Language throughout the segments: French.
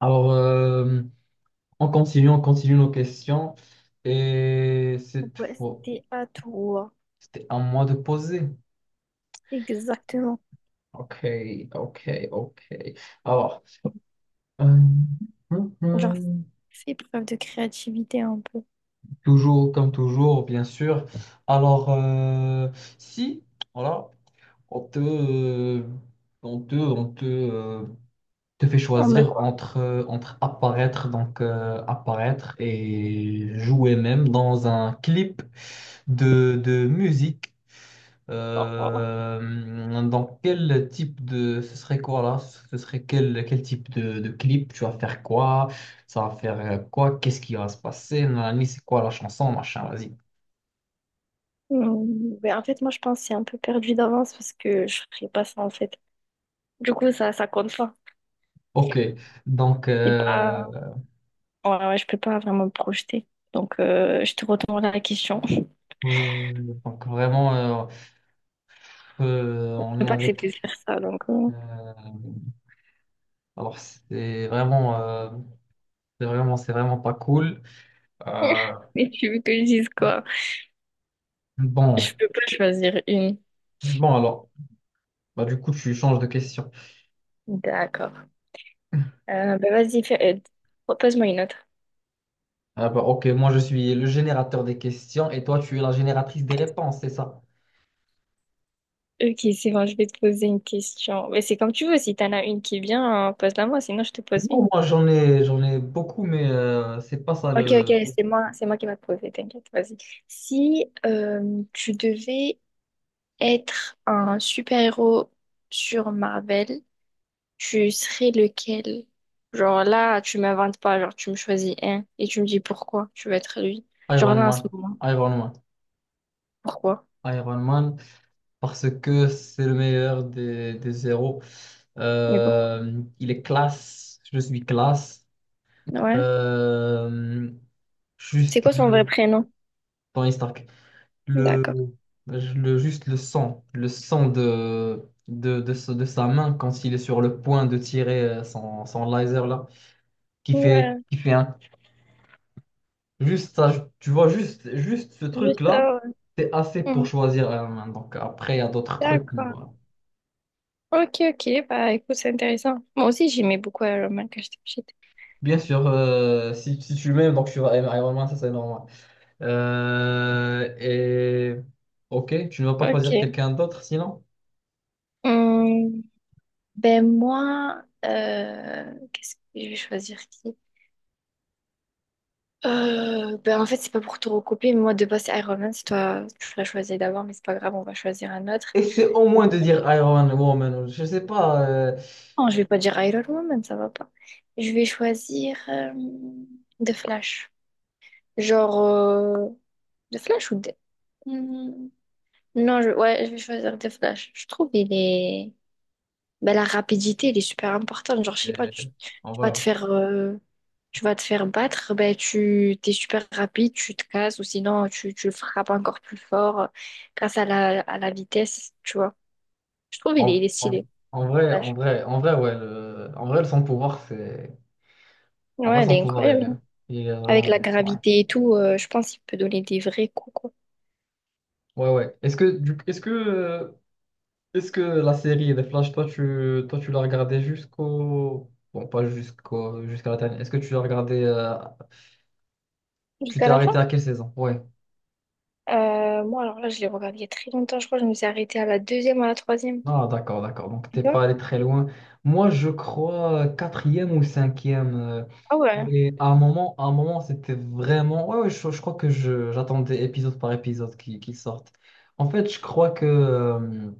Alors, euh, on continue nos questions. Et cette Ouais, fois, c'était à toi. c'était à moi de poser. Exactement. Ok, ok. Alors, euh, hum, Genre, hum, fais preuve de créativité un peu. toujours comme toujours, bien sûr. Alors, si, voilà, on te, euh, on te, on te, euh, te fait En me choisir quoi? entre, entre apparaître, apparaître et jouer même dans un clip de musique. Oh, voilà. Dans quel type de... Ce serait quoi là? Ce serait quel type de clip? Tu vas faire quoi? Ça va faire quoi? Qu'est-ce qui va se passer? Nanani, c'est quoi la chanson? Machin, vas-y. En fait, moi, je pense que c'est un peu perdu d'avance parce que je ferais pas ça, en fait. Du coup, ça compte pas. Ok, donc, C'est euh, pas... Ouais, ouais, je peux pas vraiment me projeter. Donc, je te retourne la question. donc vraiment, Je on peux est pas avec... accepter de faire ça, donc... euh, alors, c'est vraiment, c'est vraiment pas cool. Euh, Mais tu veux que je dise quoi? bon, Je peux pas choisir une. bon alors, bah, du coup, tu changes de question. D'accord. Vas-y, propose-moi une autre. Ah bah, ok, moi je suis le générateur des questions et toi tu es la génératrice des réponses, c'est ça? Ok, c'est bon, je vais te poser une question. Mais c'est comme tu veux, si t'en as une qui est bien, pose-la moi, sinon je te pose Non, une. J'en ai beaucoup, mais c'est pas ça Ok, ok, le. c'est moi qui vais te poser, t'inquiète, vas-y. Si tu devais être un super-héros sur Marvel, tu serais lequel? Genre là, tu m'inventes pas, genre tu me choisis un et tu me dis pourquoi tu veux être lui. Genre Iron là, en ce Man. moment, Iron Man. pourquoi? Iron Man, parce que c'est le meilleur des zéros. Mais pourquoi? Il est classe, je suis classe. Ouais. Euh, C'est juste quoi son vrai le prénom? Tony Stark. le, D'accord. le sang, le sang de sa main quand il est sur le point de tirer son laser là, Ouais, qui fait un, juste ça, tu vois, juste ce truc juste là, ça, ouais. c'est assez pour Hmm. choisir la main. Donc après, il y a d'autres trucs. Voilà. D'accord. Ok, ok, bah écoute, c'est intéressant. Moi aussi, j'aimais beaucoup Iron Man quand j'étais petite. Bien sûr, si tu m'aimes, donc tu vas aimer Iron Man, ça c'est normal. Et ok, tu ne vas pas choisir Ok. quelqu'un d'autre sinon? Hum, ben moi, qu'est-ce que je vais choisir qui? En fait, c'est pas pour te recopier, mais moi de base, c'est Iron Man, c'est toi, tu l'as choisi d'abord, mais c'est pas grave, on va choisir un autre. Essaie au moins de dire Iron Woman. Je sais pas. Non, je vais pas dire Iron Woman, ça va pas. Je vais choisir The Flash. Genre, The Flash ou The... Hmm. Non, je... ouais, je vais choisir The Flash. Je trouve il est... ben, la rapidité, elle est super importante. Genre, je sais euh, pas, tu, en tu vas vrai, te faire, tu vas te faire battre, ben, tu t'es super rapide, tu te casses, ou sinon tu, tu le frappes encore plus fort grâce à la vitesse, tu vois. Je trouve en, il est stylé. en- en vrai, en Flash. vrai, en vrai, ouais. En vrai, son pouvoir, c'est. En vrai, Ouais, elle son est pouvoir, incroyable, hein. il est Avec la vraiment. Ouais, gravité et tout, je pense qu'il peut donner des vrais coups, quoi. Ouais. Est-ce que, est-ce que la série des Flash, toi, tu l'as regardée jusqu'au... Bon, pas jusqu'au, jusqu'à la dernière. Est-ce que tu l'as regardée... tu Jusqu'à t'es la arrêté fin. à quelle saison? Ouais. Moi, alors là, je l'ai regardé il y a très longtemps, je crois. Que Je me suis arrêtée à la deuxième, à la troisième. Ah, d'accord. Donc, Tu t'es pas vois? allé très loin. Moi, je crois quatrième ou cinquième. Euh, Ah ouais. et à un moment, c'était vraiment... je crois que j'attendais épisode par épisode qui sortent. En fait, je crois que...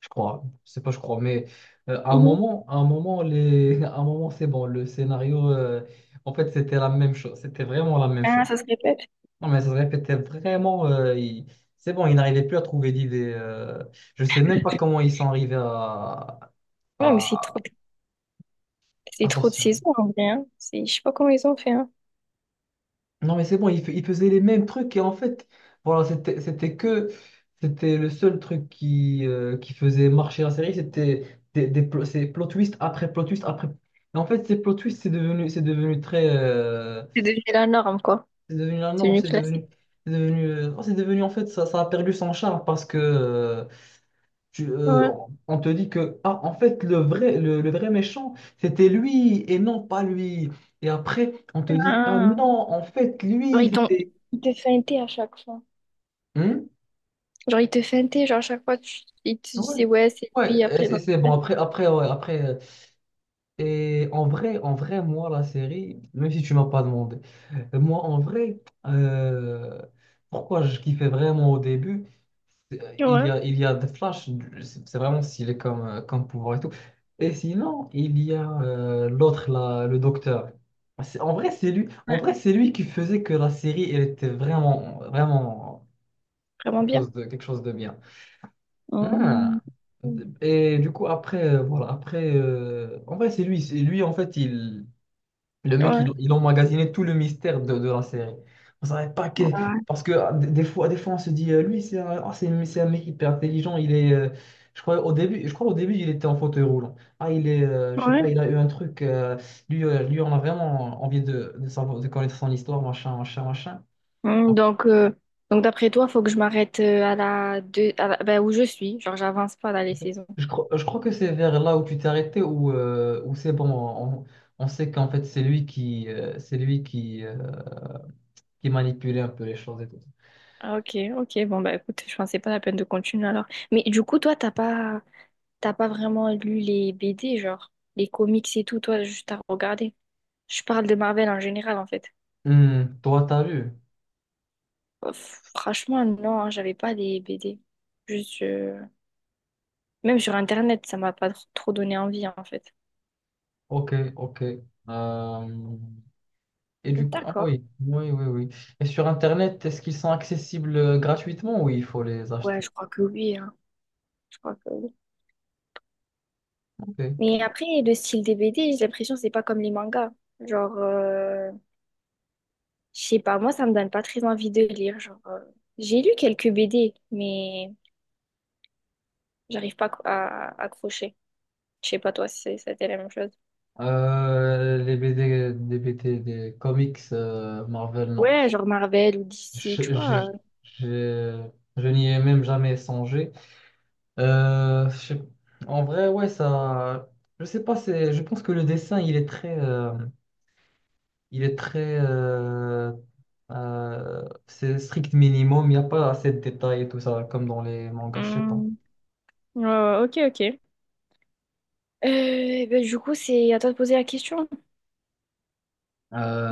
je crois, je sais pas, je crois, mais Mhm. À un moment, les... à un moment, c'est bon, le scénario, en fait, c'était la même chose, c'était vraiment la même Ah, chose. ça se répète. Non, mais ça se répétait vraiment, c'est bon, ils n'arrivaient plus à trouver d'idées. Euh, je sais même pas comment ils sont arrivés Ouais, mais c'est trop. à, C'est à trop de sortir. saisons en vrai, hein. C'est, je sais pas comment ils ont fait, hein. Non, mais c'est bon, il faisait les mêmes trucs et en fait, voilà, c'était que, c'était le seul truc qui faisait marcher la série, c'était c'est plot twist après plot twist après. Et en fait, ces plot twists, c'est devenu très. Euh, C'est devenu la norme, quoi. c'est devenu la C'est norme, devenu c'est devenu. classique. C'est devenu, c'est devenu, en fait, ça a perdu son charme parce que Ouais. on te dit que, ah, en fait, le vrai méchant, c'était lui et non pas lui. Et après, on te dit, ah Ah. non, en fait, Genre, lui, ils t'ont... c'était. Ils te feintaient à chaque fois. Hmm. Genre, ils te feintaient, genre, à chaque fois, tu... ils te Ouais, disaient, ouais, c'est lui, ouais, et après, c'est non. c'est bon. Ouais, après. Euh, et en vrai, moi, la série, même si tu m'as pas demandé, euh, moi, en vrai, euh, pourquoi je kiffais vraiment au début, c'est, Ouais. Il y a des flashs, c'est vraiment stylé comme, comme pouvoir et tout. Et sinon, il y a l'autre, là, le docteur. En vrai, c'est lui, en Ouais. vrai, c'est lui qui faisait que la série, elle était vraiment Vraiment bien. Quelque chose de bien. Ah. Mmh. Et du coup, en vrai, c'est lui, en fait, le mec, Ouais. Il emmagasinait tout le mystère de la série. On savait pas que, Ouais. parce que ah, des fois, on se dit, lui, c'est un, ah, c'est un mec hyper intelligent, je crois, au début, il était en fauteuil roulant. Ah, il est, je sais pas, Ouais. il a eu un truc, lui, on a vraiment envie de savoir, de connaître son histoire, machin, machin, machin. Mmh, donc, euh, donc d'après toi, faut que je m'arrête à la deux, à la- ben, où je suis. Genre, j'avance pas dans les saisons. Je crois que c'est vers là où tu t'es arrêté, où c'est bon, on sait qu'en fait c'est lui qui, qui manipulait un peu les choses et tout. Ah, ok, ok. Bon, bah écoute, je pensais pas la peine de continuer alors. Mais du coup, toi, t'as pas vraiment lu les BD, genre les comics et tout, toi, juste à regarder. Je parle de Marvel en général, en fait. Hmm, toi, t'as lu. Franchement, non, hein, j'avais pas les BD. Juste, même sur Internet, ça m'a pas trop donné envie, hein, en fait. Ok, ok. Euh, et du coup, ah D'accord. Oui. Et sur Internet, est-ce qu'ils sont accessibles gratuitement ou il faut les Ouais, acheter? je crois que oui, hein. Je crois que oui. Ok. Mais après, le style des BD, j'ai l'impression que c'est pas comme les mangas. Genre, je sais pas, moi, ça me donne pas très envie de lire. Genre, j'ai lu quelques BD, mais j'arrive pas à accrocher. Je sais pas, toi, si c'était la même chose. Les BD, des BD, des comics Marvel, non. Ouais, genre Marvel ou DC, tu Je, je, vois. je, je n'y ai même jamais songé. Euh, je sais- En vrai, ouais, ça. Je sais pas, c'est. Je pense que le dessin, il est très. Euh, il est très. C'est strict minimum. Il n'y a pas assez de détails et tout ça, comme dans les mangas, je sais pas. Hmm. Ouais, ok, ok. Du coup, c'est à toi de poser la question,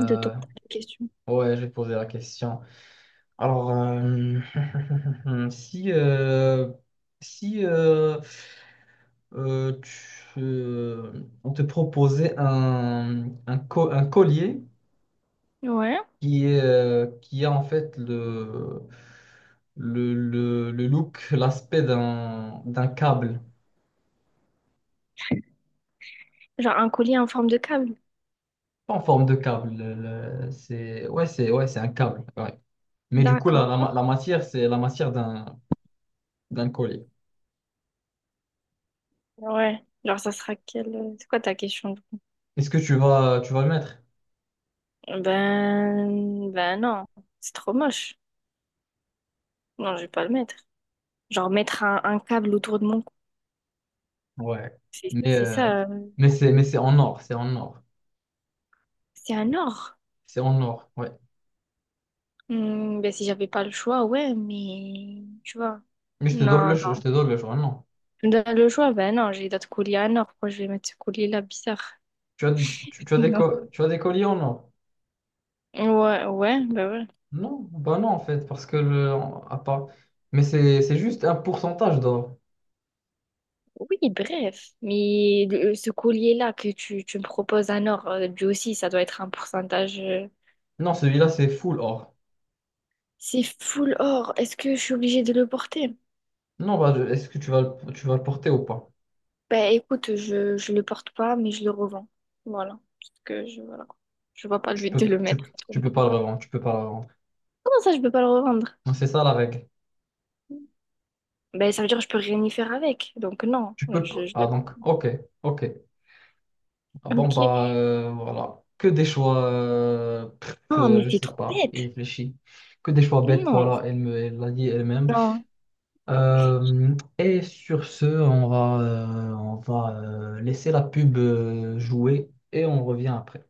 de tourner la question. Ouais, j'ai posé la question. Alors, si. Si. euh, euh, tu- euh, On te proposait un collier Ouais. qui est, qui a en fait le look, l'aspect d'un d'un câble. Genre un collier en forme de câble. Pas en forme de câble. C'est, ouais, c'est un câble. Ouais. Mais du coup, D'accord. la matière, c'est la matière d'un d'un collier. Ouais. Genre, ça sera quelle... C'est quoi ta question? Du coup, Est-ce que tu vas le mettre? ben... Ben non, c'est trop moche. Non, je vais pas le mettre. Genre mettre un câble autour de mon cou. Ouais. C'est Mais, c'est ça. Mais c'est en or. C'est en or. C'est un or. C'est en or. Ouais. Hmm, ben si j'avais pas le choix, ouais, mais... Tu vois. Mais je te donne Non, je te donne le choix. Non. dans le choix, ben non, j'ai d'autres colliers à nord. Pourquoi je vais mettre ce collier-là bizarre? Non. Tu as des colliers en or. Ouais, ouais, ben ouais. Non, bah non en fait, parce que le... à part... Mais c'est juste un pourcentage d'or. Oui, bref. Mais ce collier-là que tu me proposes à nord, lui aussi, ça doit être un pourcentage. Non, celui-là c'est full or. C'est full or. Est-ce que je suis obligée de le porter? Non, est-ce que tu vas le porter ou pas? Ben écoute, je le porte pas, mais je le revends. Voilà. Parce que je, voilà. Je vois pas le Tu but peux de le tu, mettre. tu Comment peux pas le revendre, tu peux pas le revendre. ça, je peux pas le revendre? Non, c'est ça la règle. Ben ça veut dire que je peux rien y faire avec. Donc non, Tu peux pas. je... Ah donc, ok, ok. Ah bon Ok. bah voilà. Que des choix pff, Non, mais je c'est sais trop pas, il bête. réfléchit. Que des choix bêtes, Non, voilà, elle l'a dit elle-même. non. Et sur ce, on va laisser la pub jouer et on revient après.